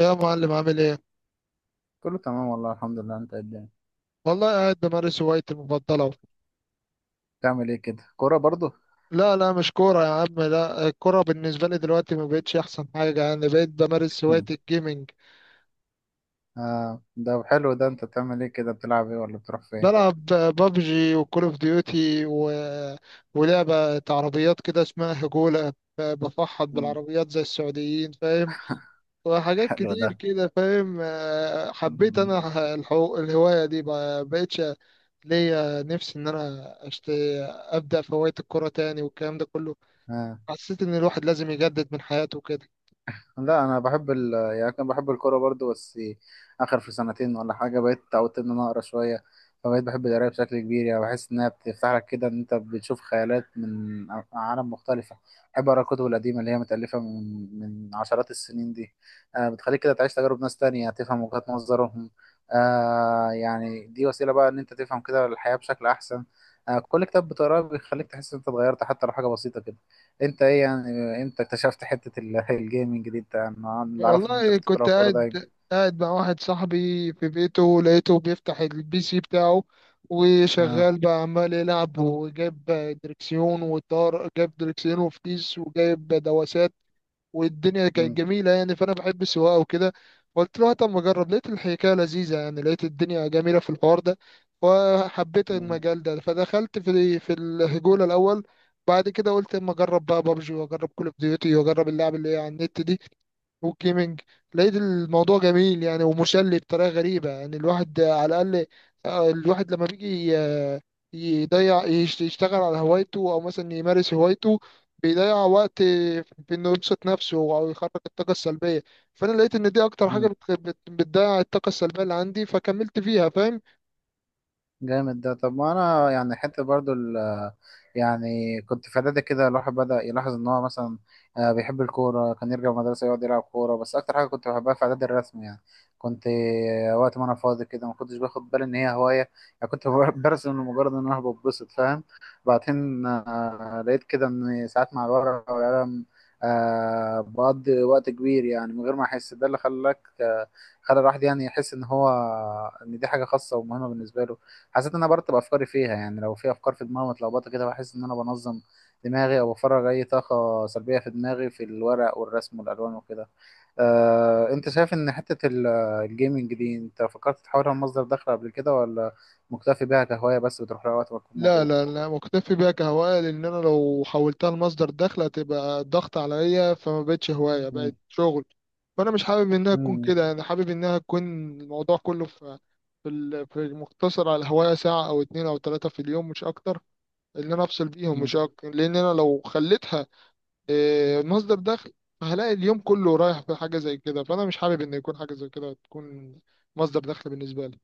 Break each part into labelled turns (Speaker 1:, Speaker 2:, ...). Speaker 1: يا معلم عامل ايه؟
Speaker 2: كله تمام والله الحمد لله. انت إيه الدنيا؟
Speaker 1: والله قاعد بمارس هوايتي المفضلة أهو.
Speaker 2: بتعمل ايه كده؟ كورة برضو؟
Speaker 1: لا مش كورة يا عم، لا الكورة بالنسبة لي دلوقتي ما بقتش أحسن حاجة، يعني بقيت بمارس هواية الجيمنج.
Speaker 2: آه، ده حلو. ده انت بتعمل ايه كده؟ بتلعب ايه ولا بتروح فين؟
Speaker 1: بلعب بابجي وكول اوف ديوتي ولعبة عربيات كده اسمها هجولة. بفحط
Speaker 2: مم.
Speaker 1: بالعربيات زي السعوديين فاهم. وحاجات
Speaker 2: حلو ده.
Speaker 1: كتير كده فاهم، حبيت
Speaker 2: مم.
Speaker 1: انا الهواية دي ما بقتش ليا نفسي ان انا ابدأ في هواية الكورة تاني والكلام ده كله.
Speaker 2: آه.
Speaker 1: حسيت ان الواحد لازم يجدد من حياته كده.
Speaker 2: لا، انا بحب كان بحب الكوره برضو. بس اخر في سنتين ولا حاجه بقيت اتعودت ان انا اقرا شويه. فبقيت بحب القرايه بشكل كبير، يعني بحس انها بتفتح لك كده ان انت بتشوف خيالات من عالم مختلفه. بحب اقرا الكتب القديمه اللي هي متالفه من عشرات السنين دي. بتخليك كده تعيش تجارب ناس تانية، تفهم وجهات نظرهم. يعني دي وسيله بقى ان انت تفهم كده الحياه بشكل احسن. كل كتاب بتقراه بيخليك تحس ان انت اتغيرت، حتى لو حاجه بسيطه كده. انت ايه يعني؟ امتى اكتشفت حتة الجيمنج دي؟ انت، انا اللي اعرفه ان انت
Speaker 1: والله
Speaker 2: كنت
Speaker 1: كنت
Speaker 2: بتلعب كورة دايما.
Speaker 1: قاعد مع واحد صاحبي في بيته، لقيته بيفتح البي سي بتاعه
Speaker 2: اه.
Speaker 1: وشغال بقى عمال يلعب وجايب دركسيون وطار جايب دركسيون وفتيس وجايب دواسات، والدنيا كانت
Speaker 2: مم.
Speaker 1: جميلة يعني، فأنا بحب السواقة وكده. قلت له طب ما أجرب، لقيت الحكاية لذيذة يعني، لقيت الدنيا جميلة في الحوار ده وحبيت
Speaker 2: مم.
Speaker 1: المجال ده، فدخلت في الهجولة الأول. بعد كده قلت اما اجرب بقى بابجي واجرب كول اوف ديوتي واجرب اللعب اللي هي على النت دي والجيمنج. لقيت الموضوع جميل يعني ومسلي بطريقة غريبة، يعني الواحد على الأقل الواحد لما بيجي يضيع يشتغل على هوايته أو مثلا يمارس هوايته، بيضيع وقت في إنه يبسط نفسه أو يخرج الطاقة السلبية. فأنا لقيت إن دي أكتر حاجة
Speaker 2: مم.
Speaker 1: بتضيع الطاقة السلبية اللي عندي، فكملت فيها فاهم.
Speaker 2: جامد ده. طب ما انا يعني حتى برضو يعني كنت في اعدادي كده الواحد بدأ يلاحظ ان هو مثلا بيحب الكورة، كان يرجع من المدرسة يقعد يلعب كورة. بس اكتر حاجة كنت بحبها في اعدادي الرسم يعني. كنت وقت ما انا فاضي كده ما كنتش باخد بالي ان هي هواية، يعني كنت برسم لمجرد ان انا ببسط، فاهم. بعدين لقيت كده ان ساعات مع الورقة والقلم بقضي وقت كبير يعني من غير ما احس. ده اللي خلاك خلى الواحد يعني يحس ان هو ان دي حاجة خاصة ومهمة بالنسبة له. حسيت ان انا برتب افكاري فيها، يعني لو في افكار في دماغي متلخبطه كده بحس ان انا بنظم دماغي، او بفرغ اي طاقه سلبيه في دماغي في الورق والرسم والالوان وكده. انت شايف ان حته الجيمنج دي انت فكرت تحولها لمصدر دخل قبل كده، ولا مكتفي بيها كهوايه بس بتروح لها وقت ما تكون
Speaker 1: لا
Speaker 2: مضغوط؟
Speaker 1: لا لا مكتفي بيها كهواية، لأن أنا لو حولتها لمصدر دخل هتبقى ضغط عليا، فما بقتش هواية
Speaker 2: مم.
Speaker 1: بقت شغل. فأنا مش حابب إنها تكون كده، أنا حابب إنها تكون الموضوع كله في في مقتصر على الهواية، ساعة أو اتنين أو تلاتة في اليوم مش أكتر، إن أنا أفصل بيهم
Speaker 2: مم.
Speaker 1: مش أكتر، لأن أنا لو خليتها مصدر دخل هلاقي اليوم كله رايح في حاجة زي كده، فأنا مش حابب إن يكون حاجة زي كده تكون مصدر دخل بالنسبة لي.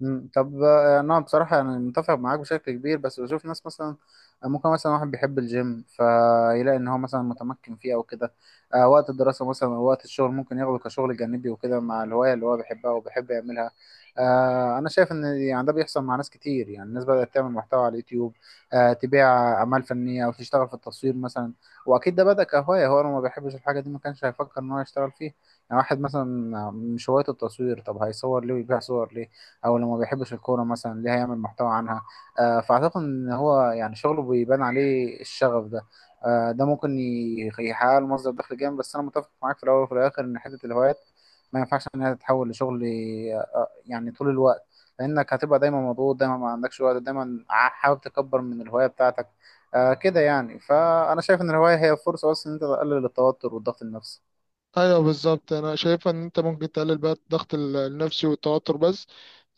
Speaker 2: مم. طب انا بصراحه انا متفق معاك بشكل كبير. بس بشوف ناس مثلا ممكن مثلا واحد بيحب الجيم فيلاقي ان هو مثلا متمكن فيه او كده، وقت الدراسه مثلا او وقت الشغل ممكن ياخده كشغل جانبي وكده مع الهوايه اللي هو بيحبها وبيحب يعملها. انا شايف ان يعني ده بيحصل مع ناس كتير، يعني الناس بدات تعمل محتوى على اليوتيوب، تبيع اعمال فنيه او تشتغل في التصوير مثلا. واكيد ده بدا كهوايه. هو لو ما بيحبش الحاجه دي ما كانش هيفكر ان هو يشتغل فيه. يعني واحد مثلا مش هوايته التصوير، طب هيصور ليه ويبيع صور ليه؟ او لو ما بيحبش الكوره مثلا ليه هيعمل محتوى عنها؟ فاعتقد ان هو يعني شغله بيبان عليه الشغف ده. ده ممكن يحقق له مصدر دخل جامد. بس انا متفق معاك في الاول وفي الاخر ان حته الهوايات ما ينفعش انها تتحول لشغل يعني طول الوقت. لانك هتبقى دايما مضغوط، دايما ما عندكش وقت، دايما حاول تكبر من الهوايه بتاعتك. كده يعني. فانا شايف ان الهوايه هي فرصه بس ان انت تقلل التوتر والضغط النفسي.
Speaker 1: ايوه بالظبط، انا شايفه ان انت ممكن تقلل بقى الضغط النفسي والتوتر بس.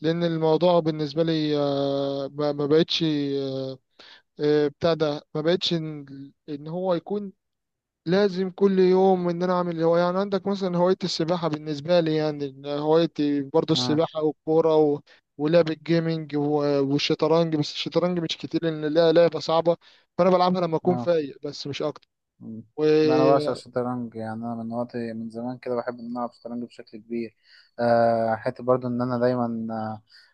Speaker 1: لان الموضوع بالنسبه لي ما بقتش بتاع ده، ما بقتش ان إن هو يكون لازم كل يوم ان انا اعمل هو. يعني عندك مثلا هوايه السباحه، بالنسبه لي يعني إن هوايتي برضو
Speaker 2: آه،
Speaker 1: السباحه والكوره ولعب الجيمنج والشطرنج، بس الشطرنج مش كتير لان لها لعبه صعبه، فانا بلعبها لما اكون
Speaker 2: آه.
Speaker 1: فايق بس مش اكتر.
Speaker 2: مم. لا انا بعشق الشطرنج، يعني انا من وقت من زمان كده بحب ان انا العب شطرنج بشكل كبير. أه حتى برضو ان انا دايما،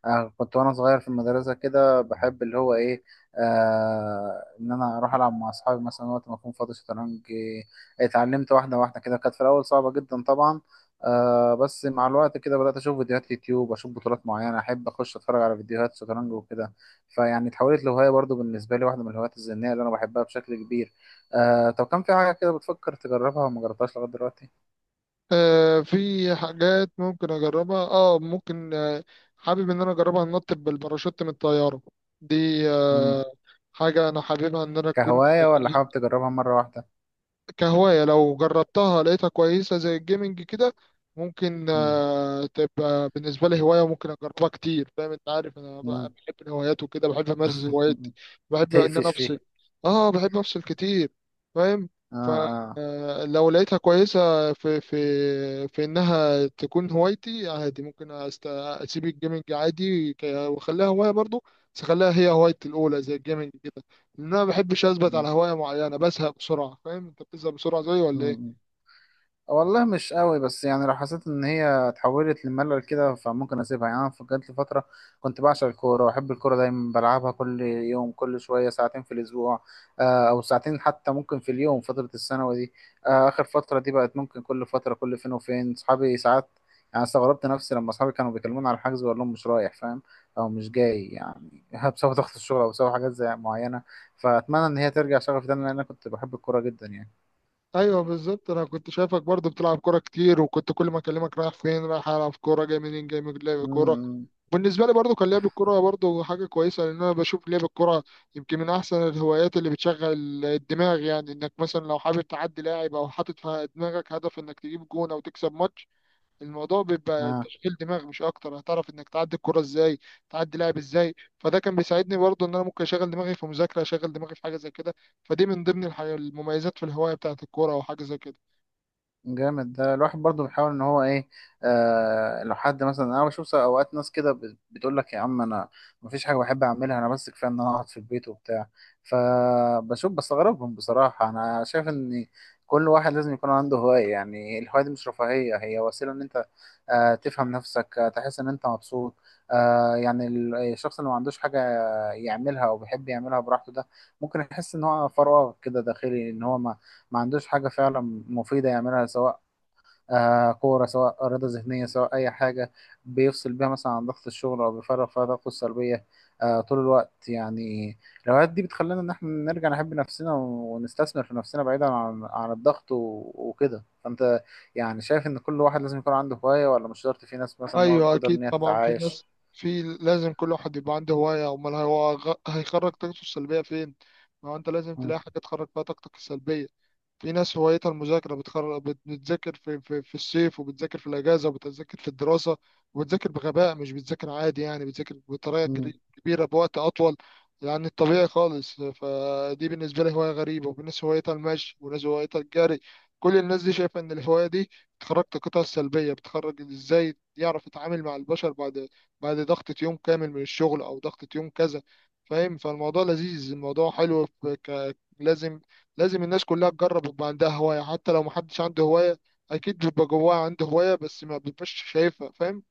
Speaker 2: أه آه، كنت وانا صغير في المدرسه كده بحب اللي هو ايه، أه ان انا اروح العب مع اصحابي مثلا وقت ما اكون فاضي شطرنج. اتعلمت واحده واحده كده، كانت في الاول صعبه جدا طبعا. أه بس مع الوقت كده بدات اشوف فيديوهات يوتيوب، اشوف بطولات معينه، احب اخش اتفرج على فيديوهات شطرنج وكده. فيعني اتحولت لهوايه برضو بالنسبه لي، واحده من الهوايات الذهنيه اللي انا بحبها بشكل كبير. طب كان في حاجة كده بتفكر تجربها وما جربتهاش لغاية دلوقتي؟
Speaker 1: في حاجات ممكن اجربها، اه ممكن، آه حابب ان انا اجربها، انط بالباراشوت من الطياره دي.
Speaker 2: مم.
Speaker 1: آه حاجه انا حاببها ان انا اكون
Speaker 2: كهواية ولا حابب تجربها مرة واحدة؟
Speaker 1: كهواية، لو جربتها لقيتها كويسة زي الجيمنج كده، ممكن
Speaker 2: مم.
Speaker 1: تبقى بالنسبة لي هواية ممكن أجربها كتير. فاهم أنت، عارف أنا بقى
Speaker 2: مم.
Speaker 1: بحب الهوايات وكده، بحب أمارس هواياتي، بحب إن أنا
Speaker 2: تقفش
Speaker 1: أفصل.
Speaker 2: فيها.
Speaker 1: أه بحب أفصل كتير فاهم.
Speaker 2: اه. اه.
Speaker 1: فلو لقيتها كويسة في إنها تكون هوايتي عادي، ممكن أسيب الجيمنج عادي وأخليها هواية برضو، بس أخليها هي هوايتي الأولى زي الجيمنج كده. ان انا ما بحبش اثبت
Speaker 2: مم.
Speaker 1: على هوايه معينه، بزهق بسرعه فاهم. انت بتزهق بسرعه زيي ولا
Speaker 2: مم.
Speaker 1: ايه؟
Speaker 2: والله مش قوي. بس يعني لو حسيت ان هي اتحولت لملل كده فممكن اسيبها. يعني انا جات لي فتره كنت بعشق الكوره، واحب الكوره دايما بلعبها كل يوم، كل شويه ساعتين في الاسبوع، او ساعتين حتى ممكن في اليوم، فتره الثانوي دي. اخر فتره دي بقت ممكن كل فتره، كل فين وفين صحابي ساعات. يعني استغربت نفسي لما اصحابي كانوا بيكلموني على الحجز واقول لهم مش رايح، فاهم؟ او مش جاي، يعني بسبب ضغط الشغل او بسبب حاجات زي معينه. فاتمنى ان هي ترجع شغفي تاني لان انا كنت بحب الكوره جدا يعني.
Speaker 1: ايوه بالظبط، انا كنت شايفك برضو بتلعب كوره كتير، وكنت كل ما اكلمك رايح فين رايح العب كوره، جاي منين جاي من لعب كوره.
Speaker 2: امم.
Speaker 1: بالنسبه لي برضو كان لعب الكوره برضو حاجه كويسه، لان انا بشوف لعب الكوره يمكن من احسن الهوايات اللي بتشغل الدماغ. يعني انك مثلا لو حابب تعدي لاعب، او حاطط في دماغك هدف انك تجيب جون او تكسب ماتش، الموضوع بيبقى
Speaker 2: آه.
Speaker 1: تشغيل دماغ مش اكتر، هتعرف انك تعدي الكرة ازاي، تعدي لاعب ازاي. فده كان بيساعدني برضه ان انا ممكن اشغل دماغي في مذاكرة، اشغل دماغي في حاجة زي كده. فدي من ضمن المميزات في الهواية بتاعت الكورة او حاجة زي كده.
Speaker 2: جامد ده. الواحد برضو بيحاول ان هو ايه. لو حد مثلا، انا بشوف اوقات ناس كده بتقول لك يا عم انا مفيش حاجه بحب اعملها انا، بس كفايه ان انا اقعد في البيت وبتاع. فبشوف بستغربهم بصراحه. انا شايف ان كل واحد لازم يكون عنده هوايه يعني. الهوايه دي مش رفاهيه، هي وسيله ان انت تفهم نفسك، تحس ان انت مبسوط. يعني الشخص اللي ما عندوش حاجه يعملها او بيحب يعملها براحته ده ممكن يحس ان هو فراغ كده داخلي، ان هو ما ما عندوش حاجة فعلا مفيدة يعملها، سواء كورة، سواء رياضة ذهنية، سواء أي حاجة بيفصل بيها مثلا عن ضغط الشغل أو بيفرغ فيها طاقته السلبية طول الوقت يعني. الهوايات دي بتخلينا إن إحنا نرجع نحب نفسنا ونستثمر في نفسنا بعيدا عن الضغط وكده. فأنت يعني شايف إن كل واحد لازم يكون عنده هواية ولا مش شرط، في ناس مثلا ما
Speaker 1: ايوه
Speaker 2: تقدر
Speaker 1: اكيد
Speaker 2: إن هي
Speaker 1: طبعا في ناس،
Speaker 2: تتعايش؟
Speaker 1: في، لازم كل واحد يبقى عنده هواية، امال هو هيخرج طاقته السلبية فين؟ ما هو انت لازم تلاقي
Speaker 2: مم.
Speaker 1: حاجة تخرج فيها طاقتك السلبية. في ناس هوايتها المذاكرة، بتذاكر في الصيف، وبتذاكر في الأجازة، وبتذاكر في الدراسة، وبتذاكر بغباء، مش بتذاكر عادي يعني، بتذاكر بطريقة
Speaker 2: مم.
Speaker 1: كبيرة بوقت أطول يعني الطبيعي خالص. فدي بالنسبة لي هواية غريبة. وفي ناس هوايتها المشي، وناس هوايتها الجري، كل الناس دي شايفة إن الهواية دي بتخرج طاقتها السلبية. بتخرج إزاي يعرف يتعامل مع البشر بعد بعد ضغطة يوم كامل من الشغل أو ضغطة يوم كذا فاهم. فالموضوع لذيذ الموضوع حلو. لازم، لازم الناس كلها تجرب يبقى عندها هواية. حتى لو محدش عنده هواية، أكيد بيبقى جواها عنده هواية بس ما بيبقاش شايفها فاهم.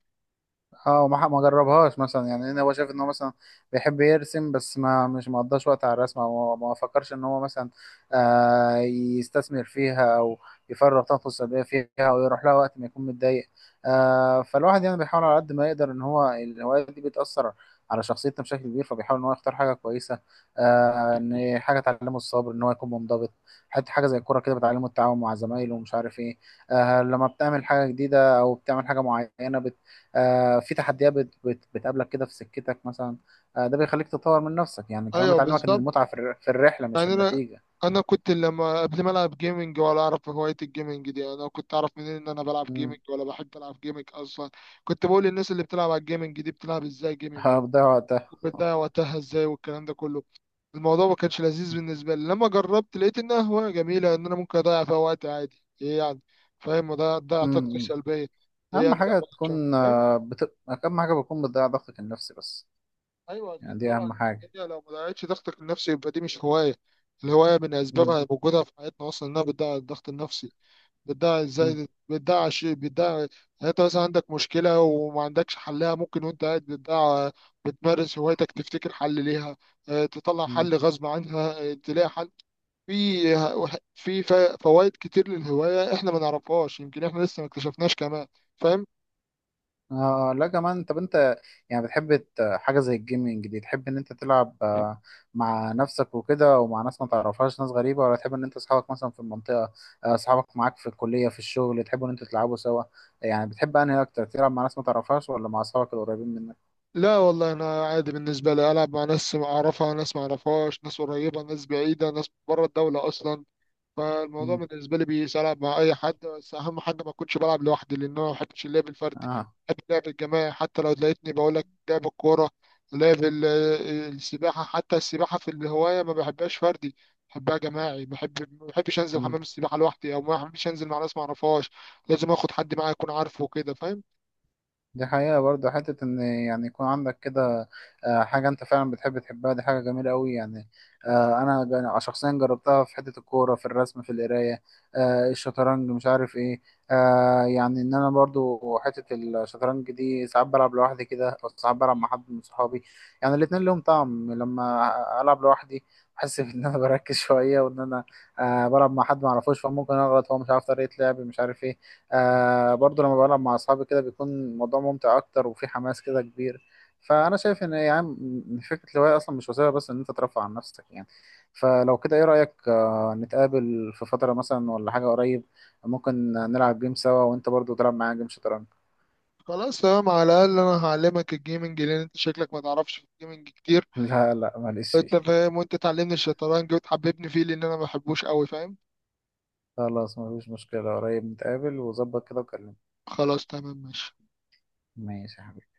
Speaker 2: اه، ما ما جربهاش مثلا، يعني إن هو شايف ان هو مثلا بيحب يرسم بس ما مش مقضاش وقت على الرسم، او ما ما فكرش ان هو مثلا يستثمر فيها او يفرغ طاقته السلبيه فيها او يروح لها وقت ما يكون متضايق. فالواحد يعني بيحاول على قد ما يقدر ان هو الهوايات دي بتاثر على شخصيتنا بشكل كبير، فبيحاول ان هو يختار حاجه كويسه، ان حاجه تعلمه الصبر، ان هو يكون منضبط. حتى حاجه زي الكوره كده بتعلمه التعاون مع زمايله ومش عارف ايه. لما بتعمل حاجه جديده او بتعمل حاجه معينه في تحديات بتقابلك كده في سكتك مثلا. ده بيخليك تطور من نفسك يعني، كمان
Speaker 1: أيوه
Speaker 2: بتعلمك ان
Speaker 1: بالظبط.
Speaker 2: المتعة في في الرحلة مش
Speaker 1: يعني أنا
Speaker 2: النتيجة.
Speaker 1: أنا كنت لما قبل ما ألعب جيمنج ولا أعرف هواية الجيمنج دي، يعني أنا كنت أعرف منين إن أنا بلعب جيمنج
Speaker 2: امم.
Speaker 1: ولا بحب ألعب جيمنج أصلا؟ كنت بقول للنس اللي بتلعب على الجيمنج دي بتلعب إزاي جيمنج
Speaker 2: هتضيع وقتها.
Speaker 1: وبتاع وقتها إزاي والكلام ده كله. الموضوع ما كانش لذيذ بالنسبة لي، لما جربت لقيت إنها هواية جميلة، إن أنا ممكن أضيع فيها وقت عادي إيه يعني فاهم. وده ده طاقتي
Speaker 2: امم.
Speaker 1: السلبية إيه
Speaker 2: اهم
Speaker 1: يعني لما
Speaker 2: حاجة تكون
Speaker 1: فاهم.
Speaker 2: اهم حاجة بتكون بتضيع ضغطك النفسي بس.
Speaker 1: أيوه
Speaker 2: يعني
Speaker 1: أكيد
Speaker 2: دي اهم
Speaker 1: طبعا،
Speaker 2: حاجة.
Speaker 1: الدنيا لو ما ضيعتش ضغطك النفسي يبقى دي مش هواية. الهواية من
Speaker 2: امم.
Speaker 1: أسبابها وجودها في حياتنا أصلا إنها بتضيع الضغط النفسي. بتضيع إزاي؟ بتضيع شيء، بتضيع يعني أنت مثلا عندك مشكلة وما عندكش حلها، ممكن وأنت قاعد بتضيع بتمارس هوايتك تفتكر حل ليها، تطلع
Speaker 2: امم.
Speaker 1: حل غصب عنها، تلاقي حل. في فوائد كتير للهواية احنا ما نعرفهاش، يمكن احنا لسه ما اكتشفناش كمان فاهم.
Speaker 2: لا كمان. طب انت يعني بتحب حاجة زي الجيمنج دي، تحب إن أنت تلعب مع نفسك وكده ومع ناس ما تعرفهاش، ناس غريبة، ولا تحب إن أنت أصحابك مثلا في المنطقة، أصحابك معاك في الكلية في الشغل تحبوا إن أنتوا تلعبوا سوا؟ يعني بتحب أنهي أكتر، تلعب مع ناس ما تعرفهاش ولا مع أصحابك القريبين منك؟
Speaker 1: لا والله انا عادي، بالنسبة لي العب مع ناس اعرفها، ناس ما اعرفهاش، ناس قريبة، ناس بعيدة، ناس بره الدولة اصلا. فالموضوع
Speaker 2: مم.
Speaker 1: بالنسبة لي بيساعد مع أي حد، بس أهم حاجة ما أكونش بلعب لوحدي، لأن أنا ما بحبش اللعب الفردي.
Speaker 2: آه.
Speaker 1: بحب اللعب الجماعي، حتى لو تلاقيتني بقول لك لعب الكورة، لعب ال- السباحة، حتى السباحة في الهواية ما بحبهاش فردي، بحبها جماعي. بحب، ما بحبش أنزل
Speaker 2: مم.
Speaker 1: حمام السباحة لوحدي، أو ما بحبش أنزل مع ناس ما أعرفهاش، لازم آخد حد معايا يكون عارفه وكده فاهم.
Speaker 2: دي حقيقة برضه حتة إن يعني يكون عندك كده حاجة أنت فعلا بتحب تحبها، دي حاجة جميلة أوي يعني. أنا شخصيا جربتها في حتة الكورة، في الرسم، في القراية، الشطرنج، مش عارف إيه. يعني إن أنا برضه حتة الشطرنج دي ساعات بلعب لوحدي كده أو ساعات بلعب مع حد من صحابي. يعني الاتنين لهم طعم. لما ألعب لوحدي بحس إن أنا بركز شوية وإن أنا بلعب مع حد معرفوش فممكن أغلط، هو مش عارف طريقة لعبي، مش عارف إيه. برضو لما بلعب مع أصحابي كده بيكون الموضوع ممتع أكتر وفي حماس كده كبير. فأنا شايف إن يعني فكرة الهواية أصلا مش وسيلة بس إن أنت ترفع عن نفسك يعني. فلو كده إيه رأيك، نتقابل في فترة مثلا ولا حاجة قريب؟ ممكن نلعب جيم سوا وأنت برضو تلعب معايا جيم شطرنج.
Speaker 1: خلاص تمام، على الأقل أنا هعلمك الجيمنج لأن أنت شكلك ما تعرفش في الجيمنج كتير.
Speaker 2: لا لا معلش.
Speaker 1: أنت فاهم، وأنت تعلمني الشطرنج وتحببني فيه لأن أنا ما بحبوش أوي فاهم.
Speaker 2: خلاص مفيش مشكلة، قريب نتقابل وظبط كده وكلمني.
Speaker 1: خلاص تمام ماشي.
Speaker 2: ماشي يا حبيبي.